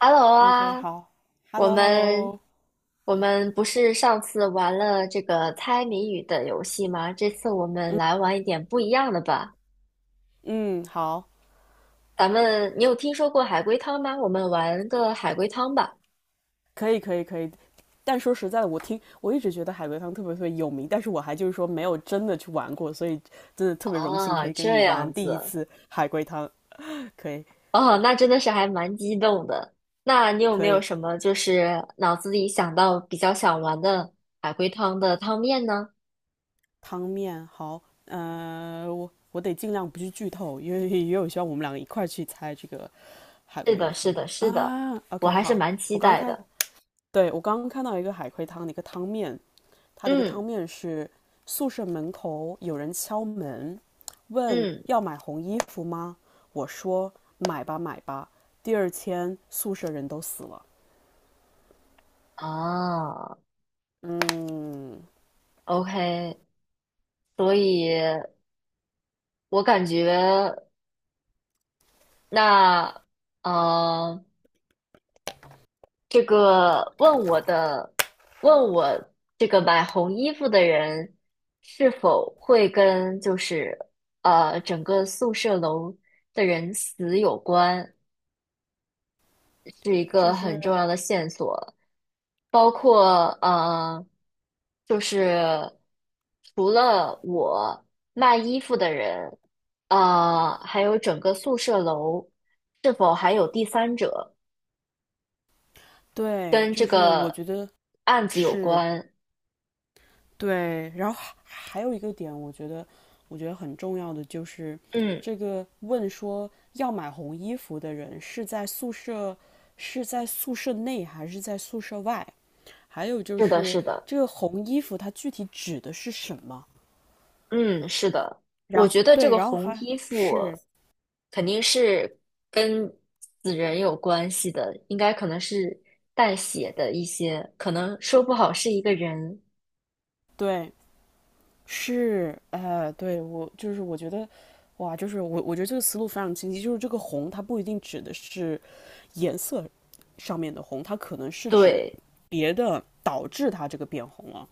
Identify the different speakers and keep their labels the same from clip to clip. Speaker 1: Hello
Speaker 2: OK,
Speaker 1: 啊，
Speaker 2: 好
Speaker 1: 我们
Speaker 2: ，Hello，Hello，
Speaker 1: 我们不是上次玩了这个猜谜语的游戏吗？这次我们来玩一点不一样的吧。
Speaker 2: 嗯，好，
Speaker 1: 咱们，你有听说过海龟汤吗？我们玩个海龟汤吧。
Speaker 2: 可以，可以，可以。但说实在的，我一直觉得海龟汤特别特别有名，但是我还就是说没有真的去玩过，所以真的特别荣幸
Speaker 1: 哦，
Speaker 2: 可以跟你
Speaker 1: 这
Speaker 2: 玩
Speaker 1: 样
Speaker 2: 第一
Speaker 1: 子，
Speaker 2: 次海龟汤。可以，
Speaker 1: 哦，那真的是还蛮激动的。那你有没
Speaker 2: 可
Speaker 1: 有
Speaker 2: 以，
Speaker 1: 什么就是脑子里想到比较想玩的海龟汤的汤面呢？
Speaker 2: 汤面好，我得尽量不去剧透，因为也有希望我们两个一块儿去猜这个海
Speaker 1: 是
Speaker 2: 龟
Speaker 1: 的，是
Speaker 2: 汤
Speaker 1: 的，是的，
Speaker 2: 啊。
Speaker 1: 我
Speaker 2: OK,
Speaker 1: 还是
Speaker 2: 好，
Speaker 1: 蛮期
Speaker 2: 我刚
Speaker 1: 待
Speaker 2: 看，
Speaker 1: 的。
Speaker 2: 对我刚刚看到一个海龟汤的一个汤面，他的一个
Speaker 1: 嗯
Speaker 2: 汤面是宿舍门口有人敲门，问
Speaker 1: 嗯，
Speaker 2: 要买红衣服吗？我说买吧买吧。第二天宿舍人都死了。
Speaker 1: 哦。
Speaker 2: 嗯，
Speaker 1: OK，所以我感觉那，呃，这个问我的，问我这个买红衣服的人是否会跟就是整个宿舍楼的人死有关，是一
Speaker 2: 就
Speaker 1: 个
Speaker 2: 是
Speaker 1: 很重要的线索。包括就是除了我卖衣服的人，还有整个宿舍楼是否还有第三者
Speaker 2: 对，
Speaker 1: 跟这
Speaker 2: 就是我
Speaker 1: 个
Speaker 2: 觉得
Speaker 1: 案子有
Speaker 2: 是
Speaker 1: 关？
Speaker 2: 对。然后还有一个点，我觉得很重要的就是
Speaker 1: 嗯，
Speaker 2: 这个问说要买红衣服的人是在宿舍内还是在宿舍外？还有就
Speaker 1: 是的，
Speaker 2: 是
Speaker 1: 是的，
Speaker 2: 这个红衣服它具体指的是什么？
Speaker 1: 嗯，是的，我
Speaker 2: 然后
Speaker 1: 觉得这
Speaker 2: 对，
Speaker 1: 个
Speaker 2: 然后
Speaker 1: 红
Speaker 2: 还
Speaker 1: 衣服
Speaker 2: 是
Speaker 1: 肯定是跟死人有关系的，应该可能是带血的一些，可能说不好是一个人，
Speaker 2: 对是，对我就是我觉得，哇，就是我觉得这个思路非常清晰，就是这个红它不一定指的是颜色上面的红，它可能是指
Speaker 1: 对。
Speaker 2: 别的导致它这个变红了。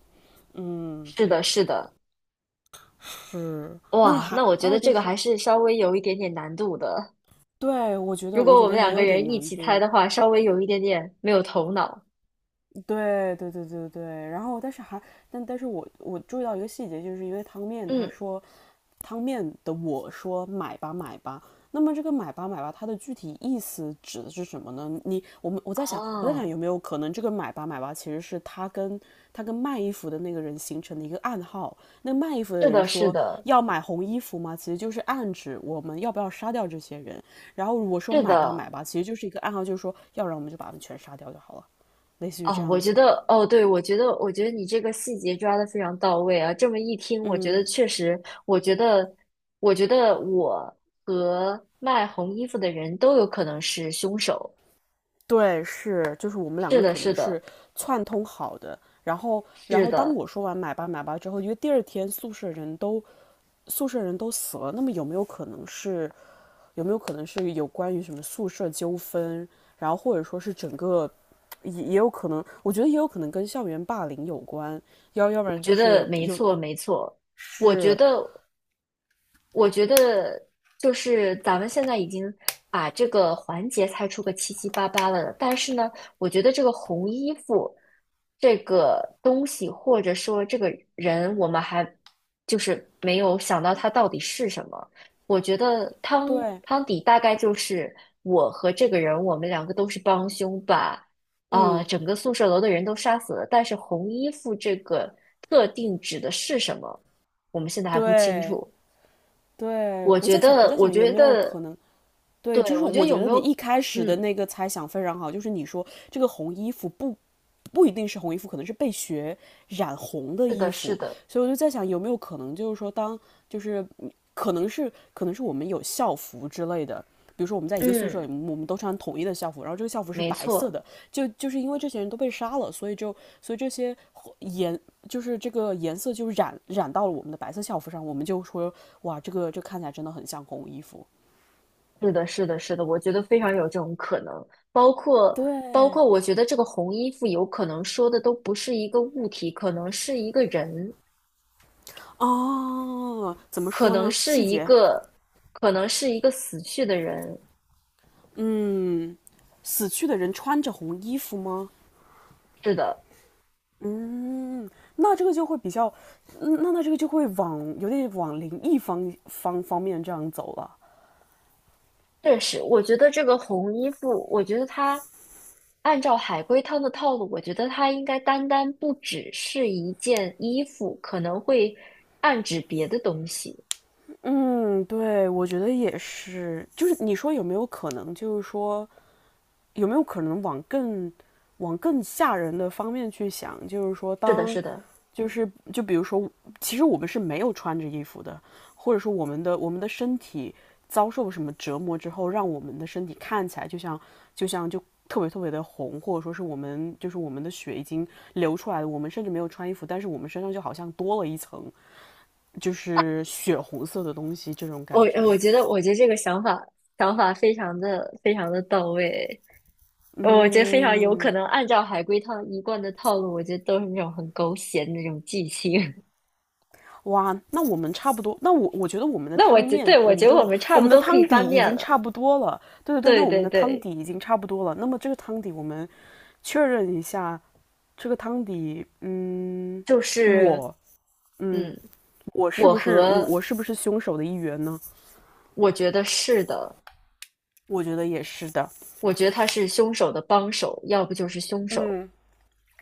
Speaker 2: 嗯，
Speaker 1: 是的，是的，
Speaker 2: 是。那么
Speaker 1: 哇，
Speaker 2: 还
Speaker 1: 那我觉
Speaker 2: 还
Speaker 1: 得
Speaker 2: 有就
Speaker 1: 这个
Speaker 2: 是，
Speaker 1: 还是稍微有一点点难度的。
Speaker 2: 对，我觉得
Speaker 1: 如
Speaker 2: 我
Speaker 1: 果
Speaker 2: 觉
Speaker 1: 我们
Speaker 2: 得也
Speaker 1: 两个
Speaker 2: 有点
Speaker 1: 人一
Speaker 2: 难
Speaker 1: 起猜
Speaker 2: 度。
Speaker 1: 的话，稍微有一点点没有头脑。
Speaker 2: 对对对对对，然后但是我注意到一个细节，就是因为
Speaker 1: 嗯，
Speaker 2: 汤面的我说买吧买吧，那么这个买吧买吧它的具体意思指的是什么呢？你我们我在想
Speaker 1: 哦，
Speaker 2: 有没有可能这个买吧买吧其实是他跟卖衣服的那个人形成的一个暗号，那卖衣服的
Speaker 1: 是
Speaker 2: 人
Speaker 1: 的，是
Speaker 2: 说
Speaker 1: 的，
Speaker 2: 要买红衣服吗？其实就是暗指我们要不要杀掉这些人，然后我说
Speaker 1: 是
Speaker 2: 买吧买
Speaker 1: 的，
Speaker 2: 吧，其实就是一个暗号，就是说要不然我们就把他们全杀掉就好了。类似于这
Speaker 1: 哦，我
Speaker 2: 样
Speaker 1: 觉
Speaker 2: 子的。
Speaker 1: 得，哦，对，我觉得，我觉得你这个细节抓得非常到位啊。这么一听，我觉得
Speaker 2: 嗯，
Speaker 1: 确实，我觉得，我觉得和卖红衣服的人都有可能是凶手。
Speaker 2: 对，是，就是我们两
Speaker 1: 是
Speaker 2: 个
Speaker 1: 的，
Speaker 2: 可能
Speaker 1: 是
Speaker 2: 是
Speaker 1: 的，
Speaker 2: 串通好的。然
Speaker 1: 是
Speaker 2: 后当
Speaker 1: 的，
Speaker 2: 我说完买吧买吧之后，因为第二天宿舍人都死了，那么有没有可能是有关于什么宿舍纠纷，然后或者说是整个也有可能，我觉得也有可能跟校园霸凌有关，要不
Speaker 1: 我
Speaker 2: 然
Speaker 1: 觉
Speaker 2: 就
Speaker 1: 得
Speaker 2: 是
Speaker 1: 没
Speaker 2: 有
Speaker 1: 错，没错。我觉
Speaker 2: 是
Speaker 1: 得。我觉得就是咱们现在已经把这个环节猜出个七七八八了，但是呢，我觉得这个红衣服这个东西，或者说这个人，我们还就是没有想到他到底是什么。我觉得
Speaker 2: 对，
Speaker 1: 汤底大概就是我和这个人，我们两个都是帮凶，把
Speaker 2: 嗯，
Speaker 1: 整个宿舍楼的人都杀死了，但是红衣服这个特定指的是什么，我们现在还不清
Speaker 2: 对
Speaker 1: 楚。
Speaker 2: 对，
Speaker 1: 我
Speaker 2: 我
Speaker 1: 觉
Speaker 2: 在想我
Speaker 1: 得，
Speaker 2: 在
Speaker 1: 我
Speaker 2: 想有
Speaker 1: 觉
Speaker 2: 没有可
Speaker 1: 得，
Speaker 2: 能对，就
Speaker 1: 对，
Speaker 2: 是
Speaker 1: 我觉得
Speaker 2: 我
Speaker 1: 有
Speaker 2: 觉得
Speaker 1: 没
Speaker 2: 你一
Speaker 1: 有，
Speaker 2: 开始的
Speaker 1: 嗯，
Speaker 2: 那个猜想非常好，就是你说这个红衣服不一定是红衣服，可能是被血染红的
Speaker 1: 是
Speaker 2: 衣
Speaker 1: 的，是
Speaker 2: 服，
Speaker 1: 的，
Speaker 2: 所以我就在想有没有可能就是说当就是可能是我们有校服之类的，比如说我们在一个宿舍
Speaker 1: 嗯，
Speaker 2: 里，我们都穿统一的校服，然后这个校服是
Speaker 1: 没
Speaker 2: 白色
Speaker 1: 错，
Speaker 2: 的，就就是因为这些人都被杀了，所以这些颜就是这个颜色就染到了我们的白色校服上，我们就说哇，这个这看起来真的很像红衣服。
Speaker 1: 是的，是的，是的，我觉得非常有这种可能。包括，包
Speaker 2: 对，
Speaker 1: 括，我觉得这个红衣服有可能说的都不是一个物体，可能是一个人，
Speaker 2: 哦，怎么
Speaker 1: 可
Speaker 2: 说
Speaker 1: 能
Speaker 2: 呢？
Speaker 1: 是
Speaker 2: 细
Speaker 1: 一
Speaker 2: 节，
Speaker 1: 个，可能是一个死去的人。
Speaker 2: 嗯，死去的人穿着红衣服吗？
Speaker 1: 是的，
Speaker 2: 嗯，那这个就会比较，嗯那那这个就会往有点往灵异方面这样走了。
Speaker 1: 确实，我觉得这个红衣服，我觉得它按照海龟汤的套路，我觉得它应该单单不只是一件衣服，可能会暗指别的东西。
Speaker 2: 嗯，对，我觉得也是。就是你说有没有可能，就是说，有没有可能往更吓人的方面去想？就是说
Speaker 1: 是的，
Speaker 2: 当，
Speaker 1: 是的，
Speaker 2: 就是就比如说，其实我们是没有穿着衣服的，或者说我们的身体遭受什么折磨之后，让我们的身体看起来就像就像就特别特别的红，或者说是我们的血已经流出来了，我们甚至没有穿衣服，但是我们身上就好像多了一层就是血红色的东西，这种感
Speaker 1: 我呃
Speaker 2: 觉。
Speaker 1: 我觉得，我觉得这个想法非常的非常的到位，我觉得非常有可
Speaker 2: 嗯，
Speaker 1: 能按照海龟汤一贯的套路，我觉得都是那种很狗血的那种剧情。
Speaker 2: 哇，那我们差不多，那我觉得我们 的
Speaker 1: 那我
Speaker 2: 汤
Speaker 1: 觉，
Speaker 2: 面，
Speaker 1: 对，我觉得我们差
Speaker 2: 我
Speaker 1: 不
Speaker 2: 们的
Speaker 1: 多可以
Speaker 2: 汤底
Speaker 1: 翻
Speaker 2: 已
Speaker 1: 面
Speaker 2: 经
Speaker 1: 了。
Speaker 2: 差不多了。对对对，那
Speaker 1: 对
Speaker 2: 我们
Speaker 1: 对
Speaker 2: 的汤
Speaker 1: 对，
Speaker 2: 底已经差不多了。那么这个汤底，我们确认一下，这个汤底，嗯，
Speaker 1: 就是。
Speaker 2: 我，嗯，
Speaker 1: 嗯。我和
Speaker 2: 我是不是凶手的一员呢？
Speaker 1: 我觉得是的，
Speaker 2: 我觉得也是的。
Speaker 1: 我觉得他是凶手的帮手，要不就是凶手。
Speaker 2: 嗯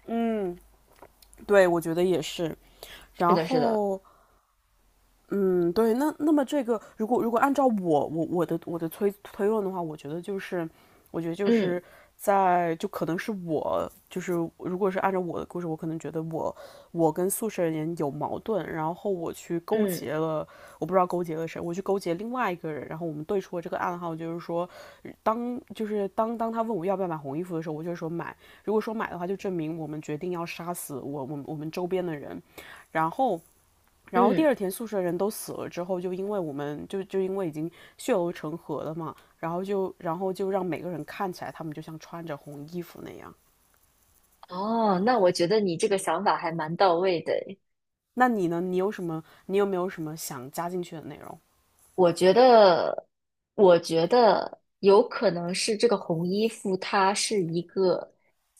Speaker 2: 嗯，对，我觉得也是。
Speaker 1: 是
Speaker 2: 然
Speaker 1: 的，是的，
Speaker 2: 后嗯，对，那那么这个，如果按照我的推论的话，我觉得就是，我觉得就
Speaker 1: 嗯
Speaker 2: 是可能是我就是如果是按照我的故事，我可能觉得我跟宿舍人有矛盾，然后我去勾
Speaker 1: 嗯
Speaker 2: 结了，我不知道勾结了谁，我去勾结另外一个人，然后我们对出了这个暗号，就是说当就是当当他问我要不要买红衣服的时候，我就说买，如果说买的话，就证明我们决定要杀死我们周边的人，然后。然后第
Speaker 1: 嗯，
Speaker 2: 二天宿舍人都死了之后，就因为已经血流成河了嘛，然后就让每个人看起来他们就像穿着红衣服那样。
Speaker 1: 哦，那我觉得你这个想法还蛮到位的诶。
Speaker 2: 那你呢？你有什么？你有没有什么想加进去的内容？
Speaker 1: 我觉得，我觉得有可能是这个红衣服他是一个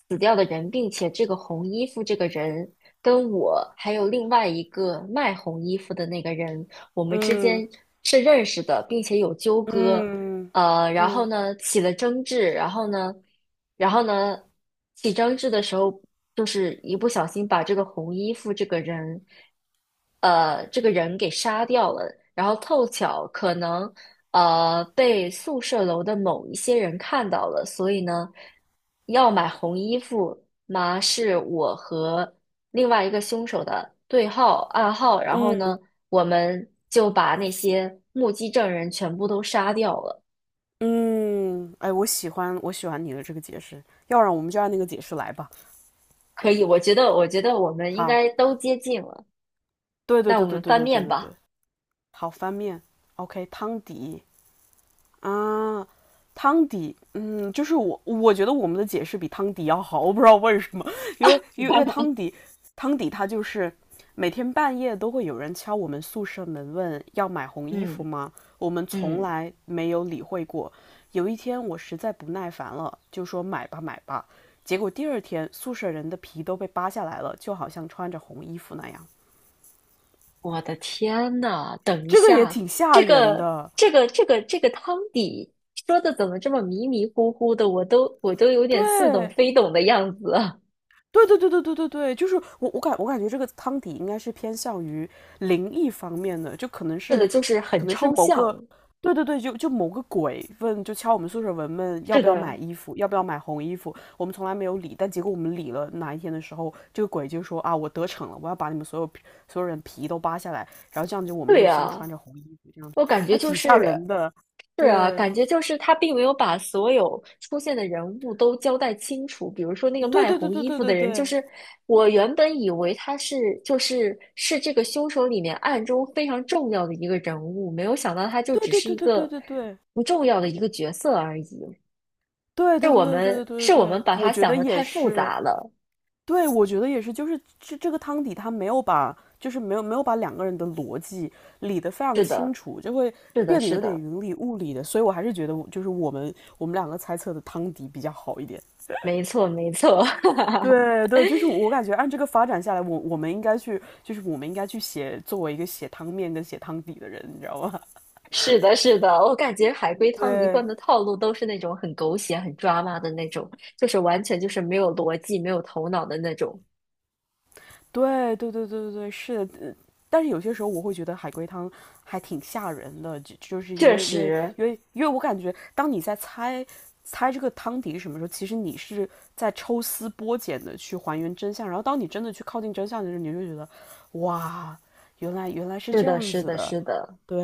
Speaker 1: 死掉的人，并且这个红衣服这个人跟我还有另外一个卖红衣服的那个人，我们之
Speaker 2: 嗯
Speaker 1: 间是认识的，并且有纠葛。
Speaker 2: 嗯
Speaker 1: 然后
Speaker 2: 嗯
Speaker 1: 呢起了争执，然后呢，然后呢起争执的时候，就是一不小心把这个红衣服这个人，这个人给杀掉了，然后凑巧可能被宿舍楼的某一些人看到了，所以呢要买红衣服嘛是我和另外一个凶手的对号暗号，然后
Speaker 2: 嗯
Speaker 1: 呢我们就把那些目击证人全部都杀掉了。
Speaker 2: 嗯，哎，我喜欢你的这个解释，要不然我们就按那个解释来吧。
Speaker 1: 可以，我觉得，我觉得我们应
Speaker 2: 好，
Speaker 1: 该都接近了。
Speaker 2: 对对
Speaker 1: 那我
Speaker 2: 对对
Speaker 1: 们
Speaker 2: 对
Speaker 1: 翻
Speaker 2: 对对
Speaker 1: 面
Speaker 2: 对
Speaker 1: 吧。
Speaker 2: 对，好翻面，OK,汤底。啊，汤底，嗯，就是我，我觉得我们的解释比汤底要好，我不知道为什么，因为 汤底，汤底它就是每天半夜都会有人敲我们宿舍门问要买红衣服
Speaker 1: 嗯
Speaker 2: 吗？我们从
Speaker 1: 嗯，
Speaker 2: 来没有理会过。有一天我实在不耐烦了，就说买吧买吧，结果第二天宿舍人的皮都被扒下来了，就好像穿着红衣服那样，
Speaker 1: 我的天呐，等一
Speaker 2: 这个也
Speaker 1: 下，
Speaker 2: 挺吓
Speaker 1: 这
Speaker 2: 人
Speaker 1: 个
Speaker 2: 的。
Speaker 1: 这个这个这个汤底说的怎么这么迷迷糊糊的？我都有点似懂
Speaker 2: 对，
Speaker 1: 非懂的样子。
Speaker 2: 对对对对对对对，就是我感觉这个汤底应该是偏向于灵异方面的，就可能
Speaker 1: 是的，
Speaker 2: 是
Speaker 1: 就是很
Speaker 2: 可能是
Speaker 1: 抽
Speaker 2: 某个，
Speaker 1: 象。
Speaker 2: 对对对，就某个鬼敲我们宿舍门问要
Speaker 1: 是
Speaker 2: 不要买
Speaker 1: 的，
Speaker 2: 衣服，要不要买红衣服，我们从来没有理，但结果我们理了哪一天的时候，这个鬼就说啊我得逞了，我要把你们所有人皮都扒下来，然后这样就我们
Speaker 1: 对
Speaker 2: 就像
Speaker 1: 呀，
Speaker 2: 穿着红衣服这样，
Speaker 1: 我感觉
Speaker 2: 还
Speaker 1: 就
Speaker 2: 挺吓
Speaker 1: 是
Speaker 2: 人的，
Speaker 1: 是啊，
Speaker 2: 对
Speaker 1: 感觉就是他并没有把所有出现的人物都交代清楚。比如说那个
Speaker 2: 对
Speaker 1: 卖
Speaker 2: 对对
Speaker 1: 红
Speaker 2: 对
Speaker 1: 衣
Speaker 2: 对
Speaker 1: 服的
Speaker 2: 对
Speaker 1: 人，就
Speaker 2: 对
Speaker 1: 是我原本以为他是是这个凶手里面暗中非常重要的一个人物，没有想到他就
Speaker 2: 对
Speaker 1: 只
Speaker 2: 对
Speaker 1: 是一
Speaker 2: 对对对
Speaker 1: 个
Speaker 2: 对对。
Speaker 1: 不重要的一个角色而已。
Speaker 2: 对对对对对对对
Speaker 1: 是我们
Speaker 2: 对，
Speaker 1: 把
Speaker 2: 我
Speaker 1: 他
Speaker 2: 觉
Speaker 1: 想
Speaker 2: 得
Speaker 1: 的
Speaker 2: 也
Speaker 1: 太复
Speaker 2: 是，
Speaker 1: 杂了。
Speaker 2: 对，我觉得也是，就是这个汤底他没有把，就是没有把两个人的逻辑理得非常
Speaker 1: 是
Speaker 2: 清
Speaker 1: 的，
Speaker 2: 楚，就会
Speaker 1: 是的，
Speaker 2: 变得
Speaker 1: 是
Speaker 2: 有点
Speaker 1: 的，
Speaker 2: 云里雾里的，所以我还是觉得我就是我们两个猜测的汤底比较好一点。
Speaker 1: 没错，没错。
Speaker 2: 对对，就是我感觉按这个发展下来，我们应该去，就是我们应该去写作为一个写汤面跟写汤底的人，你知道吗？
Speaker 1: 是的，是的，我感觉海龟汤一
Speaker 2: 对
Speaker 1: 贯的套路都是那种很狗血、很抓马的那种，就是完全就是没有逻辑、没有头脑的那种。
Speaker 2: 对对对对对对，是的，但是有些时候我会觉得海龟汤还挺吓人的，是因
Speaker 1: 确
Speaker 2: 为
Speaker 1: 实，
Speaker 2: 我感觉当你在猜这个汤底是什么时候，其实你是在抽丝剥茧的去还原真相，然后当你真的去靠近真相的时候，你就觉得哇，原来是
Speaker 1: 是
Speaker 2: 这
Speaker 1: 的，
Speaker 2: 样
Speaker 1: 是
Speaker 2: 子
Speaker 1: 的，
Speaker 2: 的，
Speaker 1: 是的，
Speaker 2: 对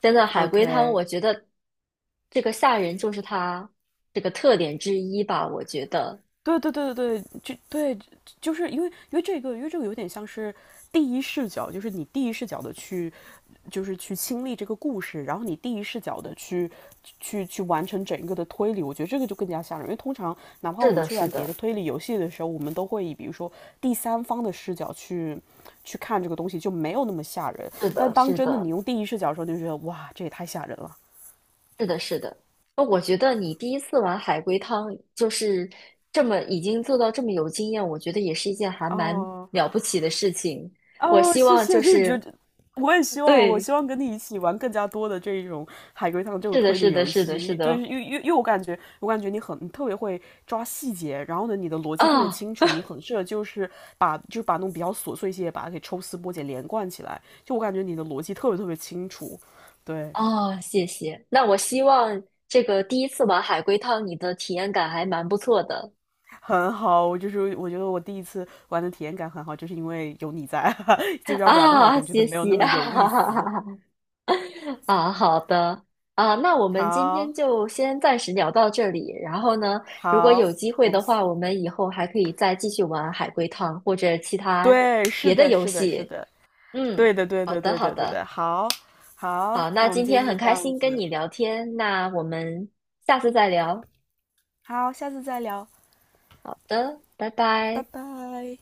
Speaker 1: 真的海龟汤，
Speaker 2: ，OK,
Speaker 1: 我觉得这个吓人就是它这个特点之一吧。我觉得
Speaker 2: 对对对对对，就对，就是因为这个有点像是第一视角，就是你第一视角的去，就是去亲历这个故事，然后你第一视角的去完成整个的推理，我觉得这个就更加吓人。因为通常哪怕
Speaker 1: 是
Speaker 2: 我们
Speaker 1: 的，
Speaker 2: 去
Speaker 1: 是
Speaker 2: 玩别的
Speaker 1: 的，
Speaker 2: 推理游戏的时候，我们都会以比如说第三方的视角去看这个东西，就没有那么吓人。
Speaker 1: 是
Speaker 2: 但
Speaker 1: 的，
Speaker 2: 当
Speaker 1: 是
Speaker 2: 真的你
Speaker 1: 的。
Speaker 2: 用第一视角的时候，你就觉得哇，这也太吓人了
Speaker 1: 是的，是的。那我觉得你第一次玩海龟汤，就是这么已经做到这么有经验，我觉得也是一件还蛮
Speaker 2: 哦。
Speaker 1: 了不起的事情。我
Speaker 2: 哦，
Speaker 1: 希
Speaker 2: 谢
Speaker 1: 望就
Speaker 2: 谢，就是觉
Speaker 1: 是，
Speaker 2: 得我
Speaker 1: 对，
Speaker 2: 希望跟你一起玩更加多的这一种海龟汤这种
Speaker 1: 是的，
Speaker 2: 推理
Speaker 1: 是的，
Speaker 2: 游
Speaker 1: 是的，是
Speaker 2: 戏，就是
Speaker 1: 的。
Speaker 2: 因为我感觉，我感觉你特别会抓细节，然后呢，你的逻辑特别
Speaker 1: 啊
Speaker 2: 清楚，你很适合就是把那种比较琐碎一些，把它给抽丝剥茧连贯起来，就我感觉你的逻辑特别特别清楚。对，
Speaker 1: 啊，谢谢。那我希望这个第一次玩海龟汤，你的体验感还蛮不错的。
Speaker 2: 很好，我就是我觉得我第一次玩的体验感很好，就是因为有你在，就要不然的话，我
Speaker 1: 啊，
Speaker 2: 感觉都
Speaker 1: 谢
Speaker 2: 没有那
Speaker 1: 谢。
Speaker 2: 么有意思。
Speaker 1: 啊，好的啊，那我们今
Speaker 2: 好，
Speaker 1: 天就先暂时聊到这里。然后呢，如果
Speaker 2: 好，
Speaker 1: 有机会
Speaker 2: 我
Speaker 1: 的
Speaker 2: 们
Speaker 1: 话，我们以后还可以再继续玩海龟汤或者其他
Speaker 2: 对，是
Speaker 1: 别的
Speaker 2: 的，
Speaker 1: 游
Speaker 2: 是的，是
Speaker 1: 戏。
Speaker 2: 的，
Speaker 1: 嗯，
Speaker 2: 对的，对
Speaker 1: 好
Speaker 2: 的，
Speaker 1: 的，
Speaker 2: 对
Speaker 1: 好
Speaker 2: 的，对
Speaker 1: 的，
Speaker 2: 的。好，好，
Speaker 1: 好，那
Speaker 2: 那我们
Speaker 1: 今
Speaker 2: 今
Speaker 1: 天
Speaker 2: 天就
Speaker 1: 很
Speaker 2: 这
Speaker 1: 开
Speaker 2: 样
Speaker 1: 心跟
Speaker 2: 子，
Speaker 1: 你聊天，那我们下次再聊。
Speaker 2: 好，下次再聊，
Speaker 1: 好的，拜
Speaker 2: 拜
Speaker 1: 拜。
Speaker 2: 拜。